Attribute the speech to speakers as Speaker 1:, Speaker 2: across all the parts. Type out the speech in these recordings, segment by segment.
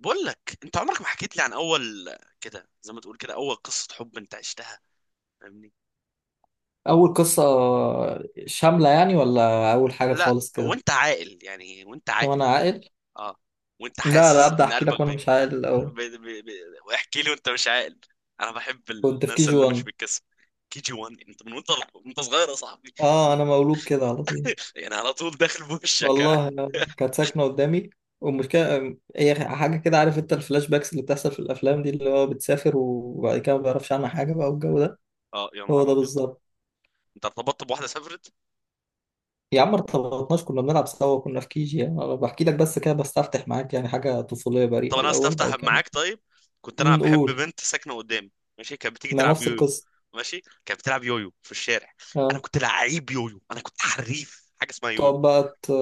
Speaker 1: بقول لك انت عمرك ما حكيت لي عن اول، كده زي ما تقول كده، اول قصة حب انت عشتها. فاهمني؟
Speaker 2: أول قصة شاملة يعني ولا أول حاجة
Speaker 1: لا
Speaker 2: خالص كده؟
Speaker 1: وانت عاقل، يعني وانت
Speaker 2: وأنا
Speaker 1: عاقل.
Speaker 2: عاقل.
Speaker 1: اه. وانت
Speaker 2: لا لا
Speaker 1: حاسس
Speaker 2: أبدأ
Speaker 1: ان
Speaker 2: أحكي لك
Speaker 1: قلبك
Speaker 2: وأنا
Speaker 1: بي...
Speaker 2: مش عاقل الأول.
Speaker 1: بي... بي... بي... واحكي لي وانت مش عاقل. انا بحب
Speaker 2: كنت في كي
Speaker 1: الناس
Speaker 2: جي
Speaker 1: اللي مش
Speaker 2: 1.
Speaker 1: بتكسب. كي جي 1؟ انت من وانت صغير يا صاحبي.
Speaker 2: آه أنا مولود كده على طول.
Speaker 1: يعني على طول داخل بوشك ها.
Speaker 2: والله يعني كانت ساكنة قدامي، والمشكلة هي حاجة كده، عارف أنت الفلاش باكس اللي بتحصل في الأفلام دي اللي هو بتسافر وبعد كده ما بيعرفش عنها حاجة بقى والجو ده.
Speaker 1: اه يا
Speaker 2: هو
Speaker 1: نهار
Speaker 2: ده
Speaker 1: ابيض،
Speaker 2: بالظبط.
Speaker 1: انت ارتبطت بواحدة سافرت؟
Speaker 2: يا عم ما ارتبطناش، كنا بنلعب سوا، كنا في كي جي يعني، أنا بحكي لك بس كده بستفتح معاك، يعني حاجة طفولية
Speaker 1: طب
Speaker 2: بريئة
Speaker 1: انا
Speaker 2: الأول، بعد
Speaker 1: استفتح
Speaker 2: كده
Speaker 1: معاك
Speaker 2: نشوف.
Speaker 1: طيب. كنت انا بحب
Speaker 2: نقول.
Speaker 1: بنت ساكنه قدامي، ماشي. كانت بتيجي
Speaker 2: ما
Speaker 1: تلعب
Speaker 2: نفس
Speaker 1: يويو،
Speaker 2: القصة.
Speaker 1: ماشي. كانت بتلعب يويو في الشارع. انا
Speaker 2: آه.
Speaker 1: كنت لعيب يويو، انا كنت حريف حاجه اسمها يويو.
Speaker 2: تقعد بقى ت...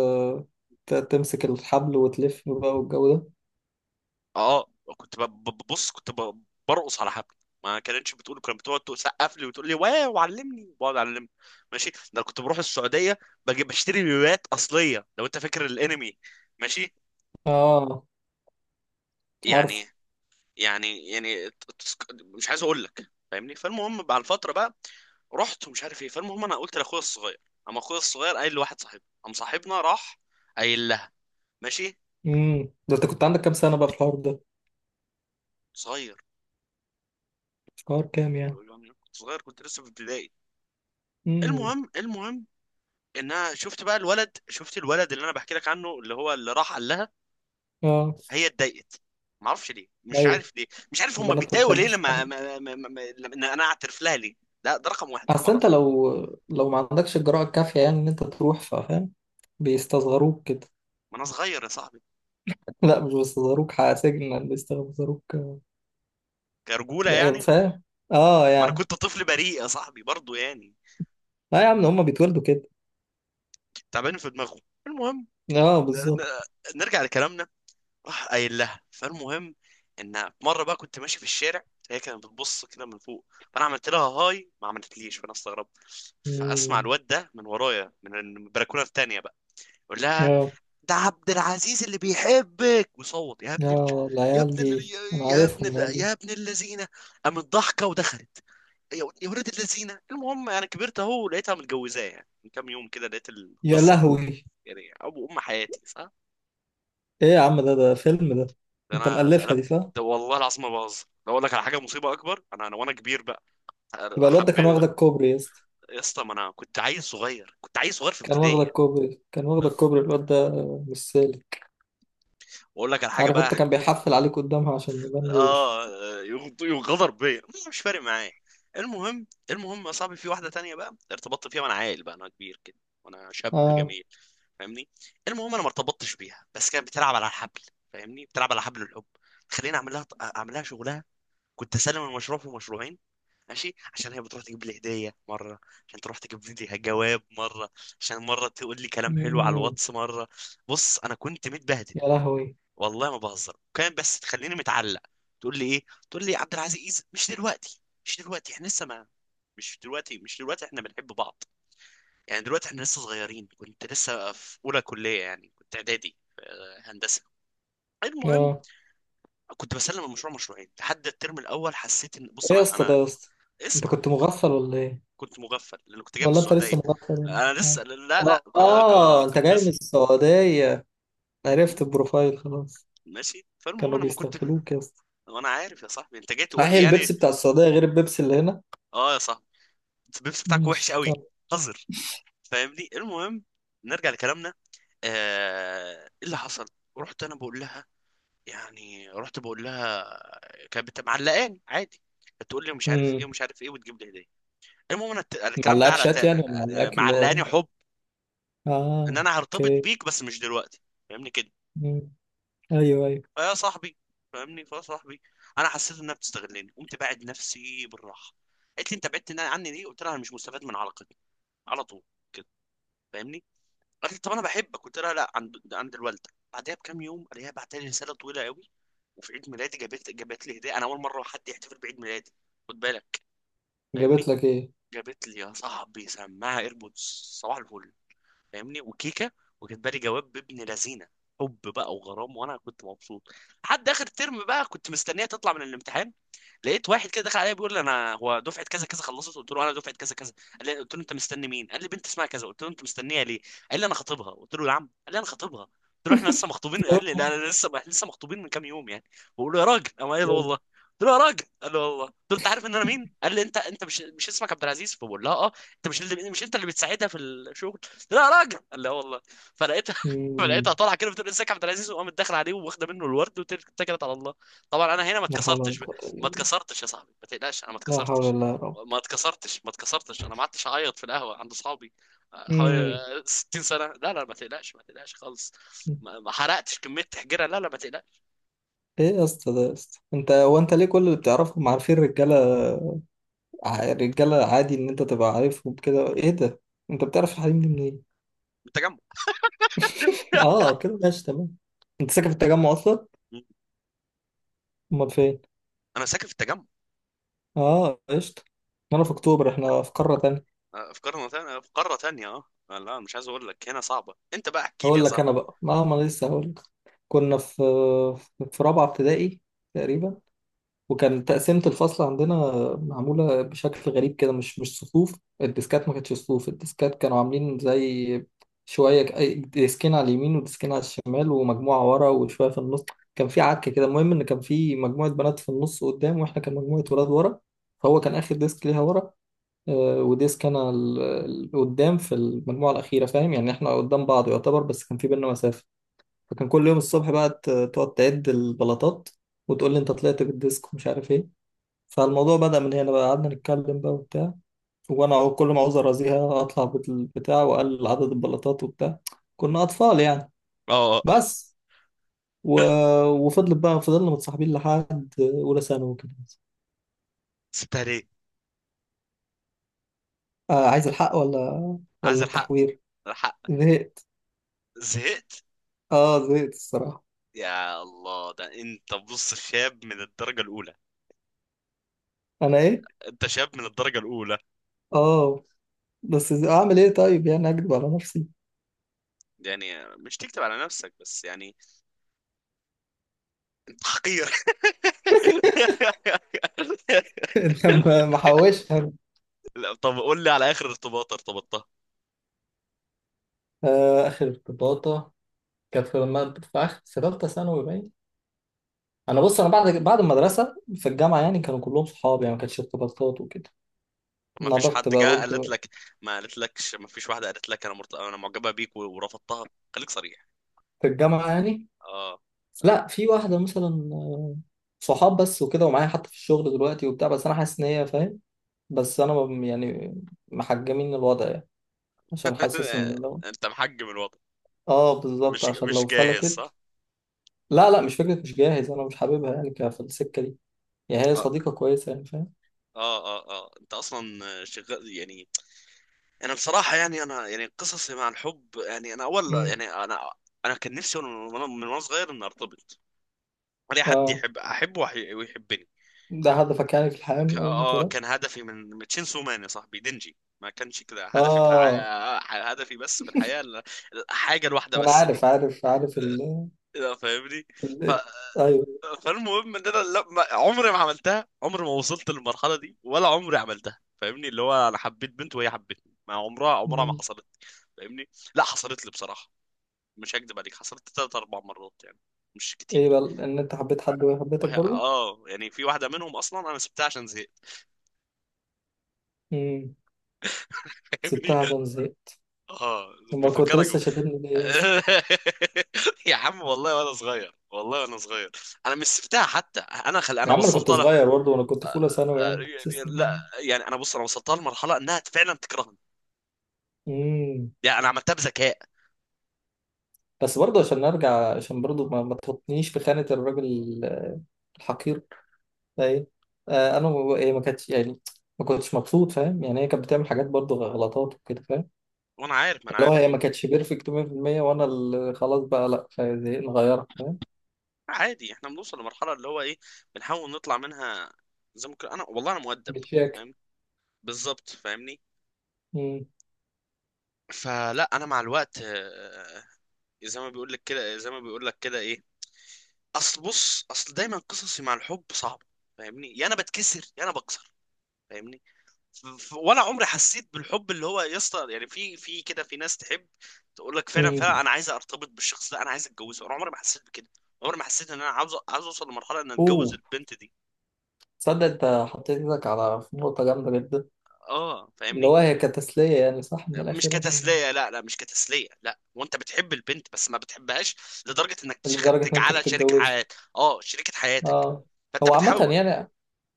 Speaker 2: ت- تمسك الحبل وتلف بقى والجو ده.
Speaker 1: اه. كنت برقص على حبل. ما كانتش بتقول، كانت بتقعد تسقف لي وتقول لي واو، علمني. بقعد اعلمني، ماشي. ده أنا كنت بروح السعوديه، بجيب بشتري يويوات اصليه. لو انت فاكر الانمي، ماشي.
Speaker 2: اه عارفه.
Speaker 1: يعني يعني مش عايز اقول لك، فاهمني؟ فالمهم بعد الفتره بقى رحت ومش عارف ايه. فالمهم انا قلت لاخويا الصغير، اما اخويا الصغير قايل لواحد صاحبنا، قام صاحبنا راح قايل لها، ماشي.
Speaker 2: امم، ده انت كنت عندك كام سنة بقى في الحوار ده؟
Speaker 1: صغير،
Speaker 2: في الحوار كام يعني؟
Speaker 1: يعني كنت صغير، كنت لسه في ابتدائي.
Speaker 2: امم.
Speaker 1: المهم، المهم ان انا شفت بقى الولد، شفت الولد اللي انا بحكي لك عنه، اللي هو اللي راح قال لها.
Speaker 2: اه.
Speaker 1: هي اتضايقت، ما اعرفش ليه، مش
Speaker 2: ايوه،
Speaker 1: عارف ليه، مش عارف هم
Speaker 2: البنات ما
Speaker 1: بيتضايقوا ليه
Speaker 2: بتحبش.
Speaker 1: لما ما ما ما ما- لما إن انا اعترف لها ليه. لا ده رقم واحد انا ما
Speaker 2: اصل انت
Speaker 1: اعرفش.
Speaker 2: لو لو ما عندكش الجرأة الكافية يعني ان انت تروح، فاهم، بيستصغروك كده.
Speaker 1: ما انا صغير يا صاحبي،
Speaker 2: لا مش بيستصغروك، سجن، بيستصغروك،
Speaker 1: كرجوله
Speaker 2: يعني
Speaker 1: يعني.
Speaker 2: فاهم. اه
Speaker 1: ما انا
Speaker 2: يعني.
Speaker 1: كنت طفل بريء يا صاحبي برضو يعني،
Speaker 2: اه يا عم هما بيتولدوا كده.
Speaker 1: تعبان في دماغه. المهم،
Speaker 2: اه
Speaker 1: ن-
Speaker 2: بالظبط.
Speaker 1: ن- نرجع لكلامنا. راح قايل لها، فالمهم ان مره بقى كنت ماشي في الشارع، هي كانت بتبص كده من فوق، فانا عملت لها هاي، ما عملتليش، فانا استغربت. فاسمع
Speaker 2: مم.
Speaker 1: الواد ده من ورايا من البلكونه التانيه بقى يقول لها:
Speaker 2: اه.
Speaker 1: ده عبد العزيز اللي بيحبك. وصوت يا ابن ال...
Speaker 2: اه
Speaker 1: يا
Speaker 2: العيال
Speaker 1: ابن ال...
Speaker 2: دي
Speaker 1: يا
Speaker 2: انا
Speaker 1: يا ابن
Speaker 2: عارفهم
Speaker 1: ال...
Speaker 2: العيال دي.
Speaker 1: يا ابن اللذينه. قامت ضحكه ودخلت. يا يا ولاد الذين. المهم، يعني كبرت اهو، لقيتها متجوزاه يعني من كام يوم كده، لقيت
Speaker 2: يا
Speaker 1: القصه
Speaker 2: لهوي،
Speaker 1: يعني ابو ام حياتي، صح؟
Speaker 2: ايه يا عم، ده ده فيلم ده. انت
Speaker 1: فانا
Speaker 2: مألفها دي
Speaker 1: اتقلبت،
Speaker 2: صح؟
Speaker 1: ده والله العظيم ما بهزر. لو اقول لك على حاجه مصيبه اكبر، انا وانا كبير بقى
Speaker 2: يبقى الواد ده كان واخد
Speaker 1: حبيت.
Speaker 2: الكوبري يا اسطى.
Speaker 1: يا اسطى ما انا كنت عيل صغير، كنت عيل صغير في
Speaker 2: كان واخد
Speaker 1: ابتدائي يعني.
Speaker 2: الكوبري، كان واخد الكوبري الواد ده، مش سالك.
Speaker 1: واقول لك على حاجه
Speaker 2: عارف
Speaker 1: بقى.
Speaker 2: انت، كان بيحفل عليك قدامها عشان يبان روش.
Speaker 1: اه، يغدر بيا، مش فارق معايا. المهم، المهم يا صاحبي، في واحده تانية بقى ارتبطت فيها وانا عيل بقى. انا كبير كده وانا شاب
Speaker 2: اه.
Speaker 1: جميل، فاهمني. المهم انا ما ارتبطتش بيها، بس كانت بتلعب على الحبل. فاهمني، بتلعب على حبل الحب. خليني اعمل لها، اعمل لها شغلها. كنت اسلم المشروع في مشروعين، ماشي، عشان هي بتروح تجيب لي هديه مره، عشان تروح تجيب لي جواب مره، عشان مره تقول لي كلام حلو على
Speaker 2: مم.
Speaker 1: الواتس مره. بص انا كنت متبهدل،
Speaker 2: يا لهوي.
Speaker 1: والله ما بهزر. كان بس تخليني متعلق. تقول لي ايه؟ تقول لي عبد العزيز، مش دلوقتي، مش دلوقتي، احنا لسه ما. مش دلوقتي، مش دلوقتي، احنا بنحب بعض. يعني دلوقتي احنا لسه صغيرين. كنت لسه في اولى كليه، يعني كنت اعدادي في هندسه. المهم
Speaker 2: اه.
Speaker 1: كنت بسلم المشروع مشروعين لحد الترم الاول. حسيت ان، بص
Speaker 2: ايه يا
Speaker 1: انا،
Speaker 2: اسطى ده يا اسطى، انت
Speaker 1: اسمع.
Speaker 2: كنت مغفل ولا ايه؟
Speaker 1: كنت مغفل لان كنت جاي من
Speaker 2: ولا انت
Speaker 1: السعوديه.
Speaker 2: لسه مغفل يعني؟
Speaker 1: انا لسه،
Speaker 2: اه.
Speaker 1: لا لا،
Speaker 2: انت
Speaker 1: كنت
Speaker 2: جاي من
Speaker 1: لسه.
Speaker 2: السعودية، عرفت
Speaker 1: مم،
Speaker 2: البروفايل خلاص.
Speaker 1: ماشي. فالمهم
Speaker 2: كانوا
Speaker 1: انا ما كنت.
Speaker 2: بيستغفلوك يا اسطى.
Speaker 1: وانا عارف يا صاحبي انت جاي
Speaker 2: صحيح
Speaker 1: تقول لي
Speaker 2: البيبسي
Speaker 1: يعني.
Speaker 2: بتاع السعودية غير البيبسي اللي هنا.
Speaker 1: اه يا صاحبي، البيبس بتاعك وحش
Speaker 2: ماشي
Speaker 1: قوي،
Speaker 2: كمل.
Speaker 1: قذر. فاهمني. المهم نرجع لكلامنا. آه... ايه اللي حصل؟ رحت انا بقول لها، يعني رحت بقول لها. كانت معلقاني عادي، بتقول لي مش عارف ايه
Speaker 2: مم.
Speaker 1: ومش عارف ايه، وتجيب لي هديه. المهم انا الكلام ده
Speaker 2: معلقاك
Speaker 1: على
Speaker 2: شات
Speaker 1: تارة.
Speaker 2: يعني ولا معلقاك اللي هو؟
Speaker 1: معلقاني حب،
Speaker 2: اه
Speaker 1: ان انا هرتبط
Speaker 2: اوكي.
Speaker 1: بيك بس مش دلوقتي، فاهمني كده.
Speaker 2: مم. ايوه ايوه.
Speaker 1: فيا صاحبي، فاهمني، فيا صاحبي، انا حسيت انها بتستغلني، قمت باعد نفسي بالراحه. قالت لي انت بعدت عني ليه؟ قلت لها انا مش مستفاد من علاقتنا، على طول كده، فاهمني. قالت لي طب انا بحبك، قلت لها لا عند، عند الوالده. بعدها بكام يوم قالت، بعت لي رساله طويله قوي. وفي عيد ميلادي جابت، جابت لي هديه. انا اول مره حد يحتفل بعيد ميلادي، خد بالك، فاهمني.
Speaker 2: جابت لك ايه؟
Speaker 1: جابت لي يا صاحبي سماعه ايربودز، صباح الفل، فاهمني، وكيكه، وكاتبه لي جواب بابن لذينه، حب بقى وغرام. وانا كنت مبسوط. لحد اخر ترم بقى كنت مستنيه تطلع من الامتحان، لقيت واحد كده دخل عليا بيقول لي انا هو دفعه كذا كذا خلصت. قلت له انا دفعه كذا كذا. قال لي، قلت له انت مستني مين؟ قال لي بنت اسمها كذا. قلت له انت مستنيها ليه؟ قال لي انا خطيبها. قلت له يا عم. قال لي انا خطيبها. قلت له احنا لسه مخطوبين. قال لي لا لا لسه مخطوبين من كام يوم يعني. بقول له يا راجل، قام قال لي والله. قلت له يا راجل، قال لي والله. قلت له انت عارف ان انا مين؟ قال لي انت، مش اسمك عبد العزيز، فبقول لها اه انت مش اللي، مش انت اللي بتساعدها في الشغل؟ قلت لها يا راجل، قال لي اه والله. فلقيتها فلقيتها
Speaker 2: مم.
Speaker 1: طالعه كده بتقول ازيك يا عبد العزيز، وقامت داخله عليه واخده منه الورد واتكلت على الله. طبعا انا هنا ما
Speaker 2: لا حول ولا
Speaker 1: اتكسرتش.
Speaker 2: قوة الا
Speaker 1: ما
Speaker 2: بالله.
Speaker 1: اتكسرتش يا صاحبي، ما تقلقش، انا ما
Speaker 2: لا حول
Speaker 1: اتكسرتش.
Speaker 2: ولا يا رب.
Speaker 1: ما اتكسرتش، ما اتكسرتش، انا ما قعدتش اعيط في القهوه عند اصحابي. حوالي
Speaker 2: مم.
Speaker 1: 60 سنه. لا لا ما تقلقش، ما تقلقش خالص. ما ما حرقتش كميه تحجيره، لا لا ما تقلقش.
Speaker 2: ايه يا اسطى ده يا اسطى، انت هو انت ليه كل اللي بتعرفهم عارفين الرجاله؟ الرجاله عادي ان انت تبقى عارفهم كده، ايه ده، انت بتعرف الحريم دي منين؟
Speaker 1: من التجمع.
Speaker 2: اه كده ماشي تمام. انت ساكن في التجمع اصلا؟
Speaker 1: مم.
Speaker 2: امال فين؟
Speaker 1: انا ساكن في التجمع.
Speaker 2: اه قشطه. انا في اكتوبر، احنا في قاره تانية.
Speaker 1: في قاره ثانيه، في قاره ثانيه. لا مش عايز اقول لك، هنا صعبه. انت بقى احكي لي يا
Speaker 2: هقول لك
Speaker 1: صاحبي.
Speaker 2: انا بقى. ما انا لسه هقول لك. كنا في في رابعه ابتدائي تقريبا، وكان تقسيمه الفصل عندنا معموله بشكل غريب كده، مش صفوف، الديسكات ما كانتش صفوف، الديسكات كانوا عاملين زي شويه ديسكين على اليمين وديسكين على الشمال ومجموعه ورا وشويه في النص. كان في عك كده، المهم ان كان في مجموعه بنات في النص قدام واحنا كان مجموعه ولاد ورا، فهو كان اخر ديسك ليها ورا، وديسك انا قدام في المجموعه الاخيره، فاهم يعني احنا قدام بعض يعتبر، بس كان في بينا مسافه. فكان كل يوم الصبح بقى تقعد تعد البلاطات وتقول لي انت طلعت بالديسك ومش عارف ايه. فالموضوع بدأ من هنا بقى، قعدنا نتكلم بقى وبتاع، وانا كل ما عاوز ارازيها اطلع بالبتاع واقلل عدد البلاطات وبتاع، كنا اطفال يعني
Speaker 1: اه،
Speaker 2: بس. و... وفضلت بقى، فضلنا متصاحبين لحد اولى ثانوي وكده.
Speaker 1: سبتها ليه؟
Speaker 2: آه عايز الحق ولا
Speaker 1: عايز
Speaker 2: ولا
Speaker 1: الحق،
Speaker 2: التحوير؟
Speaker 1: الحق.
Speaker 2: زهقت.
Speaker 1: زهقت.
Speaker 2: اه زهقت الصراحة.
Speaker 1: يا الله، ده انت بص شاب من الدرجه الاولى.
Speaker 2: انا ايه؟
Speaker 1: انت شاب من الدرجه الاولى،
Speaker 2: اه. بس اعمل ايه طيب يعني، اكذب على نفسي؟
Speaker 1: يعني مش تكتب على نفسك بس يعني. انت حقير.
Speaker 2: انت ما محوش.
Speaker 1: لا طب قول لي على اخر ارتباط ارتبطتها.
Speaker 2: اخر ارتباطه كانت في مادة في اخر في ثالثه ثانوي، باين. انا بص، انا بعد المدرسه في الجامعه يعني كانوا كلهم صحاب، يعني ما كانتش ارتباطات وكده.
Speaker 1: ما فيش حد
Speaker 2: نضجت بقى
Speaker 1: جه
Speaker 2: وقلت
Speaker 1: قالت
Speaker 2: بقى.
Speaker 1: لك؟ ما قالت لكش؟ ما فيش واحده قالت لك انا مرت... انا معجبه بيك ورفضتها؟ خليك صريح.
Speaker 2: في الجامعه يعني،
Speaker 1: اه.
Speaker 2: لا في واحده مثلا، صحاب بس وكده ومعايا حتى في الشغل دلوقتي وبتاع، بس انا حاسس ان هي فاهم، بس انا محجمين الوضع يعني، عشان حاسس ان لو.
Speaker 1: انت محجم الوضع؟
Speaker 2: اه بالظبط، عشان
Speaker 1: مش
Speaker 2: لو
Speaker 1: جاهز
Speaker 2: فلتت.
Speaker 1: صح؟
Speaker 2: لا لا مش فكره مش جاهز، انا مش حاببها يعني في السكه دي، يعني هي
Speaker 1: اه
Speaker 2: صديقه كويسه يعني فاهم.
Speaker 1: اه اه. اه انت اصلا شغال يعني. انا بصراحه يعني، انا يعني قصصي مع الحب، يعني انا اول،
Speaker 2: امم.
Speaker 1: انا كان نفسي وانا من، وأنا صغير ان ارتبط. اي حد
Speaker 2: اه.
Speaker 1: يحب احبه ويحبني.
Speaker 2: ده هدفك يعني في الحقيقة أول ما اتولدت؟
Speaker 1: كان هدفي من تشينسو مان يا صاحبي، دينجي. ما كانش كده هدفي في
Speaker 2: آه.
Speaker 1: الحياة، هدفي بس في الحياة الحاجة الواحدة
Speaker 2: أنا
Speaker 1: بس دي.
Speaker 2: عارف
Speaker 1: لا فاهمني. ف...
Speaker 2: أيوه.
Speaker 1: فالمهم ان انا لما، عمري ما عملتها، عمري ما وصلت للمرحله دي ولا عمري عملتها. فاهمني؟ اللي هو انا حبيت بنت وهي حبتني، ما عمرها، ما
Speaker 2: مم.
Speaker 1: حصلت لي. فاهمني؟ لا حصلت لي بصراحه، مش هكدب عليك، حصلت ثلاث اربع مرات يعني، مش
Speaker 2: إيه
Speaker 1: كتير.
Speaker 2: بقى إن أنت حبيت حد وهي حبيتك
Speaker 1: وهي
Speaker 2: برضه؟
Speaker 1: اه، يعني في واحده منهم اصلا انا سبتها عشان زهقت.
Speaker 2: مم.
Speaker 1: فاهمني.
Speaker 2: سبتها عشان زهقت.
Speaker 1: اه
Speaker 2: أمال كنت
Speaker 1: بيفكرك
Speaker 2: لسه شاتمني ليه أصلا؟
Speaker 1: يا عم والله وانا صغير، والله وانا صغير. انا مش سبتها حتى، انا خل... انا
Speaker 2: يا عم أنا كنت
Speaker 1: وصلتها له.
Speaker 2: صغير برضه، وأنا كنت في أولى ثانوي يعني،
Speaker 1: يعني
Speaker 2: تحسسني.
Speaker 1: لا يعني، انا بص، انا وصلتها لمرحله انها فعلا تكرهني،
Speaker 2: مم.
Speaker 1: يعني انا عملتها بذكاء.
Speaker 2: بس برضه عشان نرجع، عشان برضه ما تحطنيش في خانة الراجل الحقير ده. إيه. آه أنا إيه، ما كانتش يعني، ما كنتش مبسوط، فاهم يعني، هي كانت بتعمل حاجات برضه غلطات وكده،
Speaker 1: وانا عارف، ما انا
Speaker 2: اللي هو
Speaker 1: عارف
Speaker 2: هي
Speaker 1: هم.
Speaker 2: ما كانتش بيرفكت 100%، وانا اللي خلاص بقى لا زهقت نغيرها، فاهم.
Speaker 1: عادي احنا بنوصل لمرحله اللي هو ايه، بنحاول نطلع منها. زي ما انا والله انا مؤدب،
Speaker 2: بتشاكل.
Speaker 1: فاهم؟ بالظبط فاهمني.
Speaker 2: امم.
Speaker 1: فلا انا مع الوقت زي ما بيقول لك كده، زي ما بيقول لك كده ايه. اصل بص، اصل دايما قصصي مع الحب صعبه، فاهمني، يا انا بتكسر يا انا بكسر، فاهمني. ولا عمري حسيت بالحب اللي هو، يا اسطى يعني، في في كده، في ناس تحب تقول لك فعلا فعلا
Speaker 2: امم.
Speaker 1: انا عايز ارتبط بالشخص ده، انا عايز اتجوزه. انا عمري ما حسيت بكده. عمري ما حسيت ان انا عاوز اوصل لمرحله ان اتجوز
Speaker 2: اوه،
Speaker 1: البنت دي.
Speaker 2: تصدق انت حطيت ايدك على نقطة جامدة جدا،
Speaker 1: اه
Speaker 2: اللي
Speaker 1: فاهمني.
Speaker 2: هو هي كتسلية يعني صح من
Speaker 1: مش
Speaker 2: الأخير عشان.
Speaker 1: كتسليه، لا لا مش كتسليه. لا وانت بتحب البنت، بس ما بتحبهاش لدرجه انك
Speaker 2: لدرجة إن أنت
Speaker 1: تجعلها
Speaker 2: كنت
Speaker 1: شريك
Speaker 2: تتجوزه.
Speaker 1: حياتك، اه شريكه حياتك.
Speaker 2: اه.
Speaker 1: فانت
Speaker 2: هو عامة
Speaker 1: بتحاول.
Speaker 2: يعني،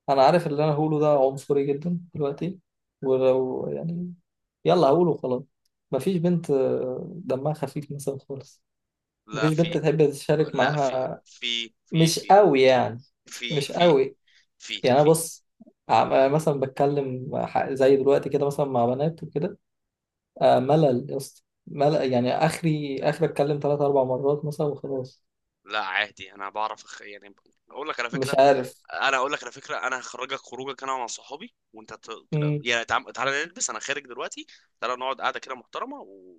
Speaker 2: أنا عارف اللي أنا هقوله ده عنصري جدا دلوقتي، ولو يعني، يلا هقوله خلاص. مفيش بنت دمها خفيف مثلا خالص.
Speaker 1: لا
Speaker 2: مفيش بنت
Speaker 1: في.
Speaker 2: تحب تشارك
Speaker 1: لا
Speaker 2: معاها، مش قوي يعني،
Speaker 1: في
Speaker 2: مش
Speaker 1: في
Speaker 2: قوي.
Speaker 1: في
Speaker 2: يعني انا
Speaker 1: في.
Speaker 2: بص، مثلا بتكلم زي دلوقتي كده مثلا مع بنات وكده، ملل يا اسطى، ملل يعني، اخري اخري اتكلم ثلاث اربع مرات مثلا وخلاص.
Speaker 1: لا عادي، انا بعرف أخ... يعني اقول لك على
Speaker 2: مش
Speaker 1: فكره،
Speaker 2: عارف.
Speaker 1: انا اقول لك على فكره. انا هخرجك خروجك، انا مع صحابي، وانت ت... كده
Speaker 2: امم.
Speaker 1: يعني، تعال... تعال نلبس، انا خارج دلوقتي. تعال نقعد قاعده كده محترمه و...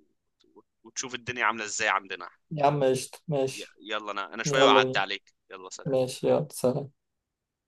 Speaker 1: وتشوف الدنيا عامله ازاي عندنا.
Speaker 2: يا عم قشطة
Speaker 1: ي...
Speaker 2: ماشي.
Speaker 1: يلا انا، انا شويه
Speaker 2: يلا
Speaker 1: وأعدي
Speaker 2: بينا.
Speaker 1: عليك. يلا سلام.
Speaker 2: ماشي يلا سلام.